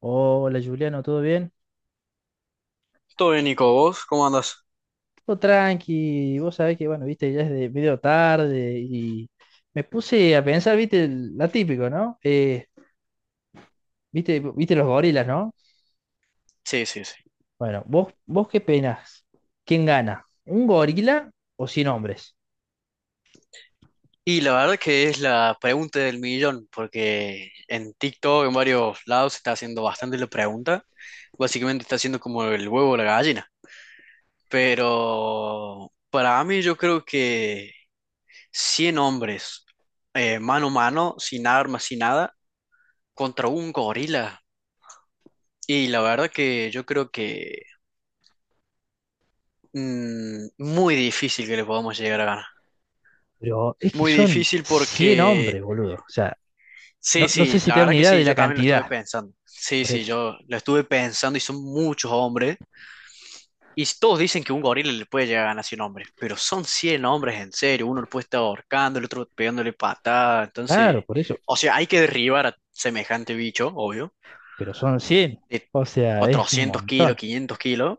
Hola Juliano, ¿todo bien? Todo bien, Nico, ¿vos cómo andás? Todo tranqui, vos sabés que, bueno, viste, ya es de medio tarde y me puse a pensar, viste, la típico, ¿no? Viste los gorilas, ¿no? Sí, sí, sí. Bueno, vos qué penás, ¿quién gana? ¿Un gorila o 100 hombres? Y la verdad que es la pregunta del millón, porque en TikTok, en varios lados, se está haciendo bastante la pregunta. Básicamente está haciendo como el huevo o la gallina. Pero para mí yo creo que 100 hombres, mano a mano, sin armas, sin nada, contra un gorila. Y la verdad que yo creo que muy difícil que le podamos llegar a ganar. Pero es que Muy son difícil 100 porque. hombres, boludo. O sea, Sí, no sé sí, si la te da verdad una que idea de sí, la yo también lo estuve cantidad, pensando. Sí, por sí, eso. yo lo estuve pensando y son muchos hombres. Y todos dicen que un gorila le puede llegar a ganar 100 hombres, pero son 100 hombres en serio. Uno lo puede estar ahorcando, el otro pegándole patada. Entonces, Claro, por eso, o sea, hay que derribar a semejante bicho, obvio, pero son 100. de O sea, es un 400 kilos, montón. 500 kilos,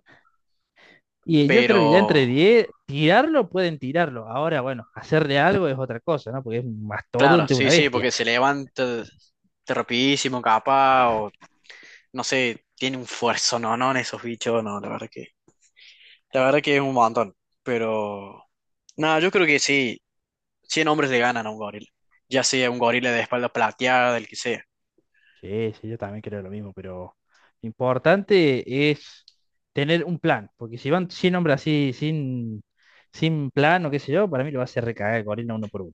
Y yo creo que ya entre pero 10 tirarlo pueden tirarlo. Ahora, bueno, hacerle algo es otra cosa, ¿no? Porque es un claro, mastodonte, una sí, sí, bestia. porque se levanta de rapidísimo, capaz, o no sé, tiene un fuerzo, no, no, en esos bichos, no, la verdad que es un montón, pero, nada, yo creo que sí, 100 hombres le ganan a un gorila, ya sea un gorila de espalda plateada, el que sea. Sí, sí, yo también creo lo mismo, pero lo importante es tener un plan. Porque si van 100 hombres así, sin plan o qué sé yo, para mí lo va a hacer recagar el gorila uno por uno.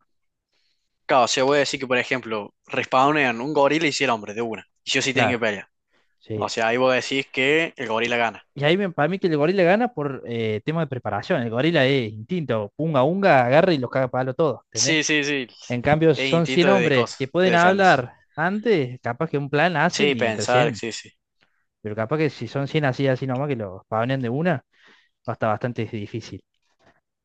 Claro, o sea, voy a decir que, por ejemplo, respawnean un gorila y 100 hombres de una, y sí o sí tienen que Claro, pelear. sí. O sea, ahí vos decís que el Y, gorila gana. y ahí para mí que el gorila gana por tema de preparación. El gorila es instinto, unga unga, agarra y los caga a palo todo, ¿entendés? Sí, sí, sí, En cambio, es son instinto 100 de hombres que cosas, de pueden defenderse. hablar antes, capaz que un plan hacen Sí, y entre pensar, 100. sí, sí. Pero capaz que si son 100 así, así nomás, que los pavnen de una, va a estar bastante difícil.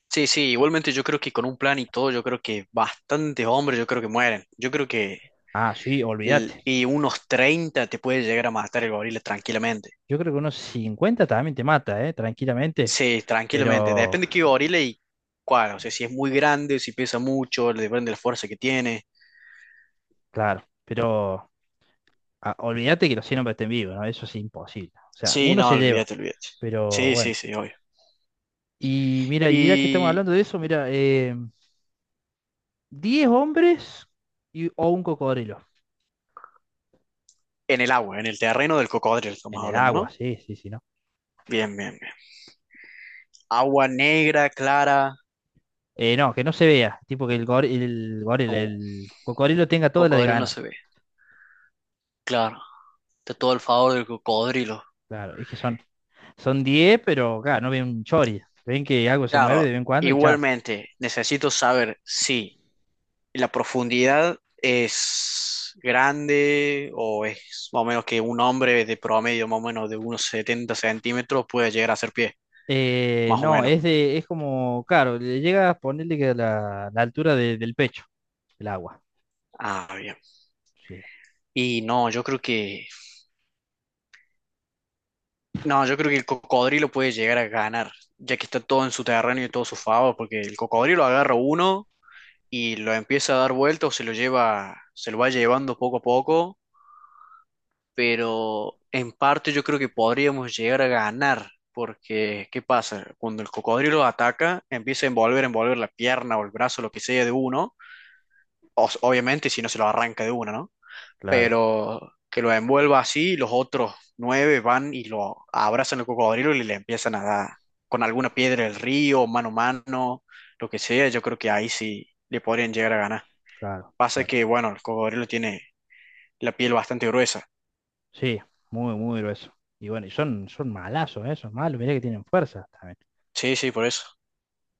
Sí, sí, igualmente yo creo que con un plan y todo, yo creo que bastantes hombres, yo creo que mueren. Yo creo que Ah, sí, olvídate. y unos 30 te puede llegar a matar el gorila tranquilamente. Yo creo que unos 50 también te mata, ¿eh? Tranquilamente. Sí, tranquilamente. Pero, Depende de qué gorila y cuál. O sea, si es muy grande, si pesa mucho, le depende de la fuerza que tiene. claro, pero ah, olvídate que los 100 hombres estén vivos, ¿no? Eso es imposible. O sea, Sí, uno no, se lleva, olvídate, olvídate. pero Sí, sí, bueno. sí, obvio. Y mira, y ya que estamos Y hablando de eso, mira, 10 hombres o un cocodrilo. en el agua, en el terreno del cocodrilo estamos En el hablando, agua, ¿no? sí, sí, sí, ¿no? Bien, bien, bien. Agua negra, clara. No, que no se vea. Tipo que Uh, el cocodrilo tenga toda la de cocodrilo no ganar. se ve. Claro, está todo el favor del cocodrilo. Claro, es que son 10 pero claro, no ven un chori. Ven que algo se mueve Claro, de vez en cuando y chao. igualmente necesito saber si la profundidad es grande o es más o menos que un hombre de promedio más o menos de unos 70 centímetros puede llegar a hacer pie, más o No, menos. Es como, claro, le llega a ponerle que la altura del pecho, el agua. Ah, bien. Sí, Y no, yo creo que no, yo creo que el cocodrilo puede llegar a ganar, ya que está todo en su terreno y todo su favor, porque el cocodrilo agarra uno y lo empieza a dar vueltas o se lo lleva, se lo va llevando poco a poco pero en parte yo creo que podríamos llegar a ganar, porque ¿qué pasa? Cuando el cocodrilo ataca, empieza a envolver, envolver la pierna o el brazo, lo que sea de uno, obviamente si no se lo arranca de uno, ¿no? claro, Pero que lo envuelva así, los otros nueve van y lo abrazan al cocodrilo y le empiezan a dar con alguna piedra del río, mano a mano, lo que sea, yo creo que ahí sí le podrían llegar a ganar. claro, Pasa claro. que, bueno, el cocodrilo tiene la piel bastante gruesa. Sí, muy, muy grueso. Y bueno, y son, son malazos, son malos, mirá que tienen fuerza también. Sí, sí, por eso.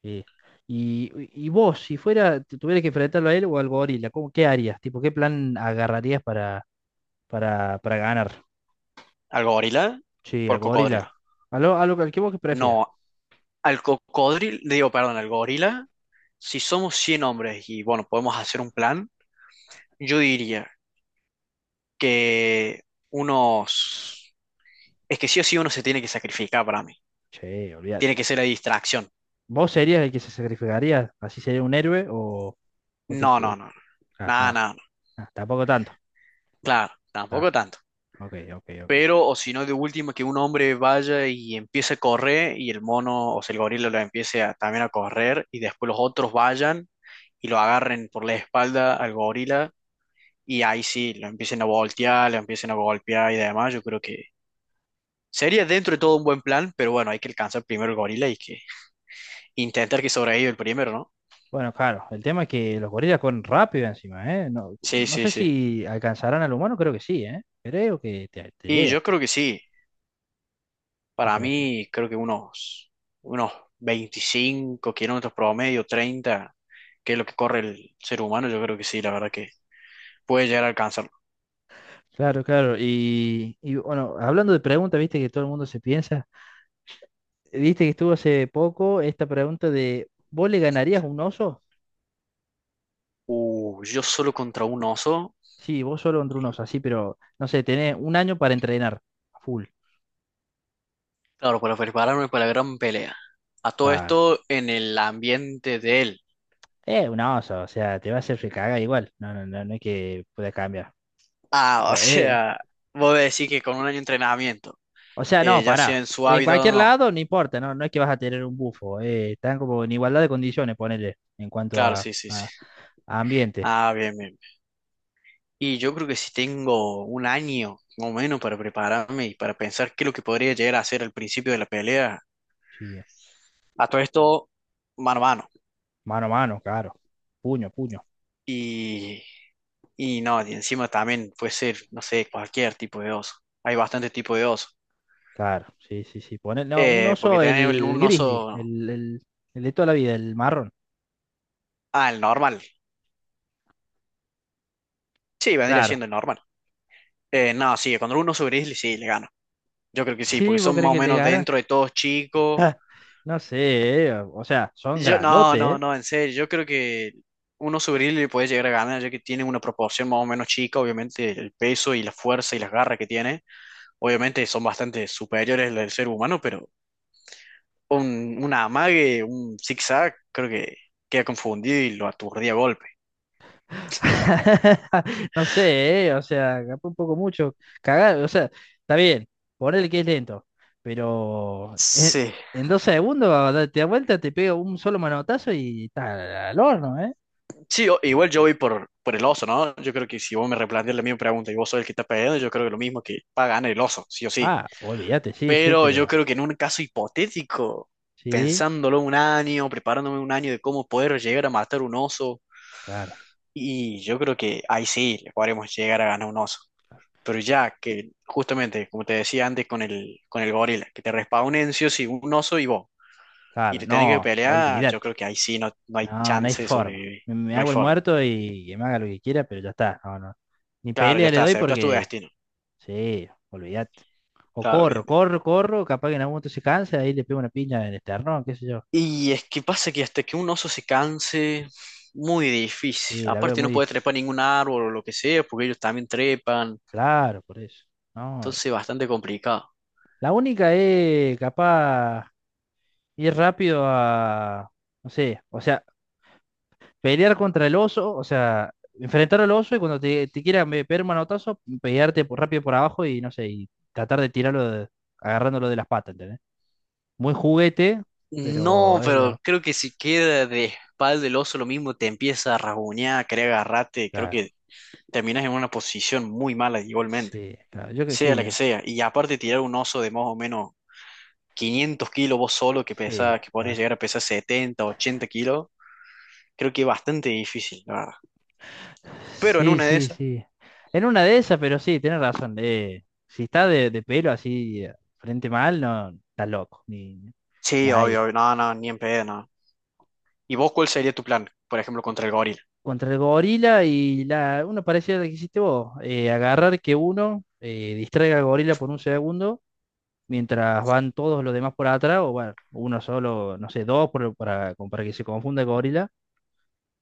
Sí. Y, y vos, si fuera, te tuvieras que enfrentarlo a él o al gorila, ¿cómo, qué harías? Tipo, ¿qué plan agarrarías para, para ganar? Al gorila Sí, o al al cocodrilo. gorila. A lo, al que vos que prefieras. No, al cocodrilo, digo, perdón, al gorila, si somos 100 hombres y bueno, podemos hacer un plan, yo diría que unos... Es que sí o sí uno se tiene que sacrificar para mí. Sí, Tiene olvídate. que ser la distracción. ¿Vos serías el que se sacrificaría? ¿Así sería un héroe? ¿O, o te- No, eh, no, no. No. Ah, Nada, no. nada, no. Ah, tampoco tanto. Claro, Ah, tampoco tanto. ok, ok, ok. Pero, o si no, de última, que un hombre vaya y empiece a correr y el mono, o sea, el gorila lo empiece también a correr y después los otros vayan y lo agarren por la espalda al gorila y ahí sí, lo empiecen a voltear, lo empiecen a golpear y demás, yo creo que sería dentro de todo un buen plan, pero bueno, hay que alcanzar primero el gorila y que intentar que sobreviva el primero, ¿no? Bueno, claro, el tema es que los gorilas corren rápido encima, ¿eh? No, Sí, no sí, sé sí. si alcanzarán al humano, creo que sí, ¿eh? Creo que te Y llega, yo creo que sí, si para se me mí creo que unos 25 kilómetros promedio, 30, que es lo que corre el ser humano, yo creo que sí, la verdad que puede llegar a alcanzarlo. Claro, claro. Y, bueno, hablando de preguntas, viste que todo el mundo se piensa. Viste que estuvo hace poco esta pregunta de, ¿vos le ganarías a un oso? Yo solo contra un oso, Sí, vos solo contra un oso, así, pero no sé, tenés un año para entrenar a full. claro, para prepararme para la gran pelea. A todo Claro. esto en el ambiente de él. Un oso, o sea, te va a hacer recaga igual. No, no, no, no es que pueda cambiar. Ah, o O, eh, sea, vos decís que con un año de entrenamiento, o sea, no, ya sea pará. en su En hábito o cualquier no. lado, no importa, no, no es que vas a tener un bufo. Están como en igualdad de condiciones, ponele, en cuanto Claro, sí, sí, sí. A ambiente. Ah, bien, bien. Y yo creo que si tengo un año o menos para prepararme y para pensar qué es lo que podría llegar a hacer al principio de la pelea, Sí. a todo esto, mano a mano. Mano a mano, claro. Puño, a puño. Y, y no, y encima también puede ser, no sé, cualquier tipo de oso. Hay bastante tipo de oso. Claro, sí, sí, sí. Pone, no, un Porque oso, tener el un grizzly, oso. El de toda la vida, el marrón. Ah, el normal. Sí, vendría Claro. siendo el normal. No, sí, cuando un oso gris, sí, le gano. Yo creo que sí, porque Sí, ¿vos son crees más o que le menos gana? dentro de todos chicos. No sé, o sea, son Yo, no, no, grandotes, eh. no, en serio, yo creo que uno sobre él le puede llegar a ganar, ya que tiene una proporción más o menos chica, obviamente el peso y la fuerza y las garras que tiene, obviamente son bastante superiores al del ser humano, pero un amague, un zigzag, creo que queda confundido y lo aturdía a golpe. No sé, o sea, capaz un poco mucho. Cagar, o sea, está bien, ponele que es lento, pero Sí, en dos segundos te da vuelta, te pega un solo manotazo y está al horno, ¿eh? sí, igual yo voy por el oso, ¿no? Yo creo que si vos me replanteas la misma pregunta y vos sos el que está peleando, yo creo que lo mismo que va a ganar el oso, sí o sí. Ah, olvídate, sí, sí, Pero yo pero creo que en un caso hipotético, sí, pensándolo un año, preparándome un año de cómo poder llegar a matar un oso, claro. y yo creo que ahí sí le podremos llegar a ganar un oso. Pero ya que justamente, como te decía antes con con el gorila, que te respawnen sí o sí un oso y vos, y Claro, te tenés que no, pelear, yo olvídate. creo que ahí sí no, no hay No, no hay chance de forma. sobrevivir, Me no hay hago el forma. muerto y que me haga lo que quiera, pero ya está. No, no. Ni Claro, ya pelea le está, doy aceptas tu porque, destino. sí, olvídate. O Claro, bien. corro, corro, corro, capaz que en algún momento se cansa, ahí le pego una piña en el esternón, qué sé yo. Y es que pasa que hasta que un oso se canse, muy difícil. Sí, la veo Aparte no muy puede trepar difícil. ningún árbol o lo que sea, porque ellos también trepan. Claro, por eso. No. Entonces bastante complicado. La única es capaz ir rápido a, no sé, o sea, pelear contra el oso, o sea, enfrentar al oso y cuando te quiera pegar un manotazo, pelearte rápido por abajo y no sé, y tratar de tirarlo agarrándolo de las patas, ¿entendés? Muy juguete, No, pero es pero lo. creo que si queda de espalda el oso lo mismo, te empieza a rasguñar, a querer agarrarte. Creo Claro, que terminas en una posición muy mala igualmente, sí, claro, yo que sea sí, la que ¿no? sea. Y aparte tirar un oso de más o menos 500 kilos vos solo, que Sí, pesa, que podés claro. llegar a pesar 70, 80 kilos, creo que es bastante difícil, la verdad. Pero en Sí, una de sí, esas... sí. En una de esas, pero sí, tenés razón. Eh, si está de pelo así, frente mal, no, está loco, ni Sí, ahí. obvio, obvio. No, no, ni en pedo, no. ¿Y vos cuál sería tu plan? Por ejemplo, contra el gorila. Contra el gorila y la, uno parecía lo que hiciste vos, agarrar que uno distraiga al gorila por un segundo mientras van todos los demás por atrás, o bueno, uno solo, no sé, dos para, como para que se confunda el gorila,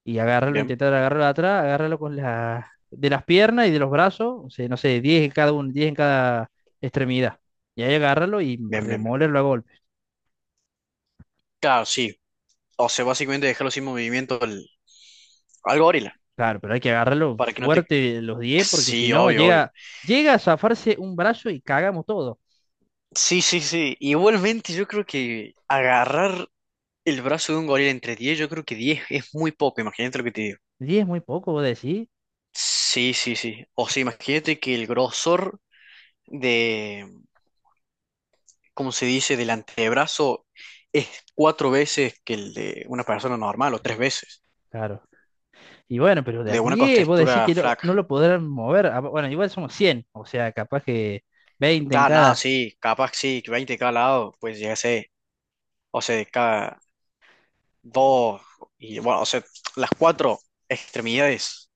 y agarrarlo, Bien, intentar agarrarlo atrás, agarrarlo con la, de las piernas y de los brazos, o sea, no sé, 10 en cada uno, 10 en cada extremidad. Y ahí agarrarlo y bien, bien. Bien. remolerlo a golpes. Claro, sí. O sea, básicamente dejarlo sin movimiento al, al gorila. Claro, pero hay que agarrarlo Para que no te. fuerte los diez porque si Sí, no obvio, obvio. llega, llega a zafarse un brazo y cagamos todo. Sí, sí, sí. Igualmente, yo creo que agarrar el brazo de un gorila entre 10 yo creo que 10 es muy poco. Imagínate lo que te digo. 10 es muy poco, vos decís. Sí, sí, sí. O sea, imagínate que el grosor de. Como se dice, del antebrazo es cuatro veces que el de una persona normal o tres veces, Claro. Y bueno, pero de a de una 10, vos decís contextura que no, flaca. no lo podrán mover. Ah, bueno, igual somos 100 o sea, capaz que 20 en Claro, nada, cada. sí, capaz sí, que 20 de cada lado, pues ya sé, o sea, de cada dos, y bueno, o sea, las cuatro extremidades,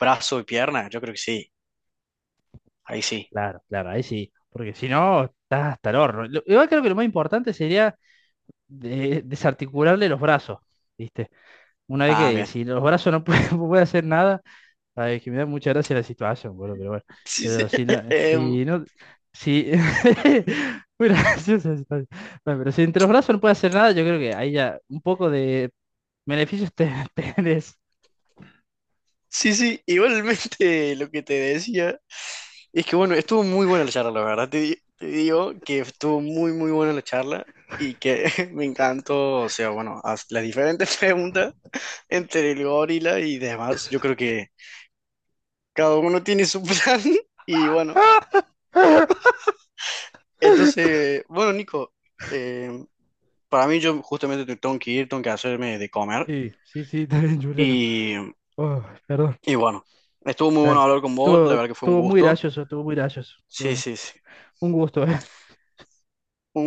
brazo y pierna, yo creo que sí, ahí sí. Claro, claro, ahí sí. Porque si no, estás hasta el horno. Igual creo que lo más importante sería desarticularle los brazos, ¿viste? Una vez Ah, que bien. si los brazos no pueden, hacer nada, ay, es que me da mucha gracia la situación, boludo, pero bueno. Sí, sí, Pero si no, em, si no, si. Muy graciosa la situación. Bueno, pero si entre los brazos no puede hacer nada, yo creo que ahí ya un poco de beneficios te tenés. sí, sí, igualmente lo que te decía. Es que bueno, estuvo muy buena la charla, la verdad. Te, te digo que estuvo muy, muy buena la charla y que me encantó, o sea, bueno, haz las diferentes preguntas entre el gorila y demás. Yo creo que cada uno tiene su plan y bueno, entonces, bueno, Nico, eh, para mí yo justamente tengo que ir, tengo que hacerme de comer Sí, sí, sí, está bien, chulero. y, Oh, perdón. y bueno, estuvo muy Dale. bueno hablar con vos, Estuvo, la verdad que fue un estuvo muy gusto. gracioso, estuvo muy gracioso. Sí, Bueno, sí, sí. un gusto, Un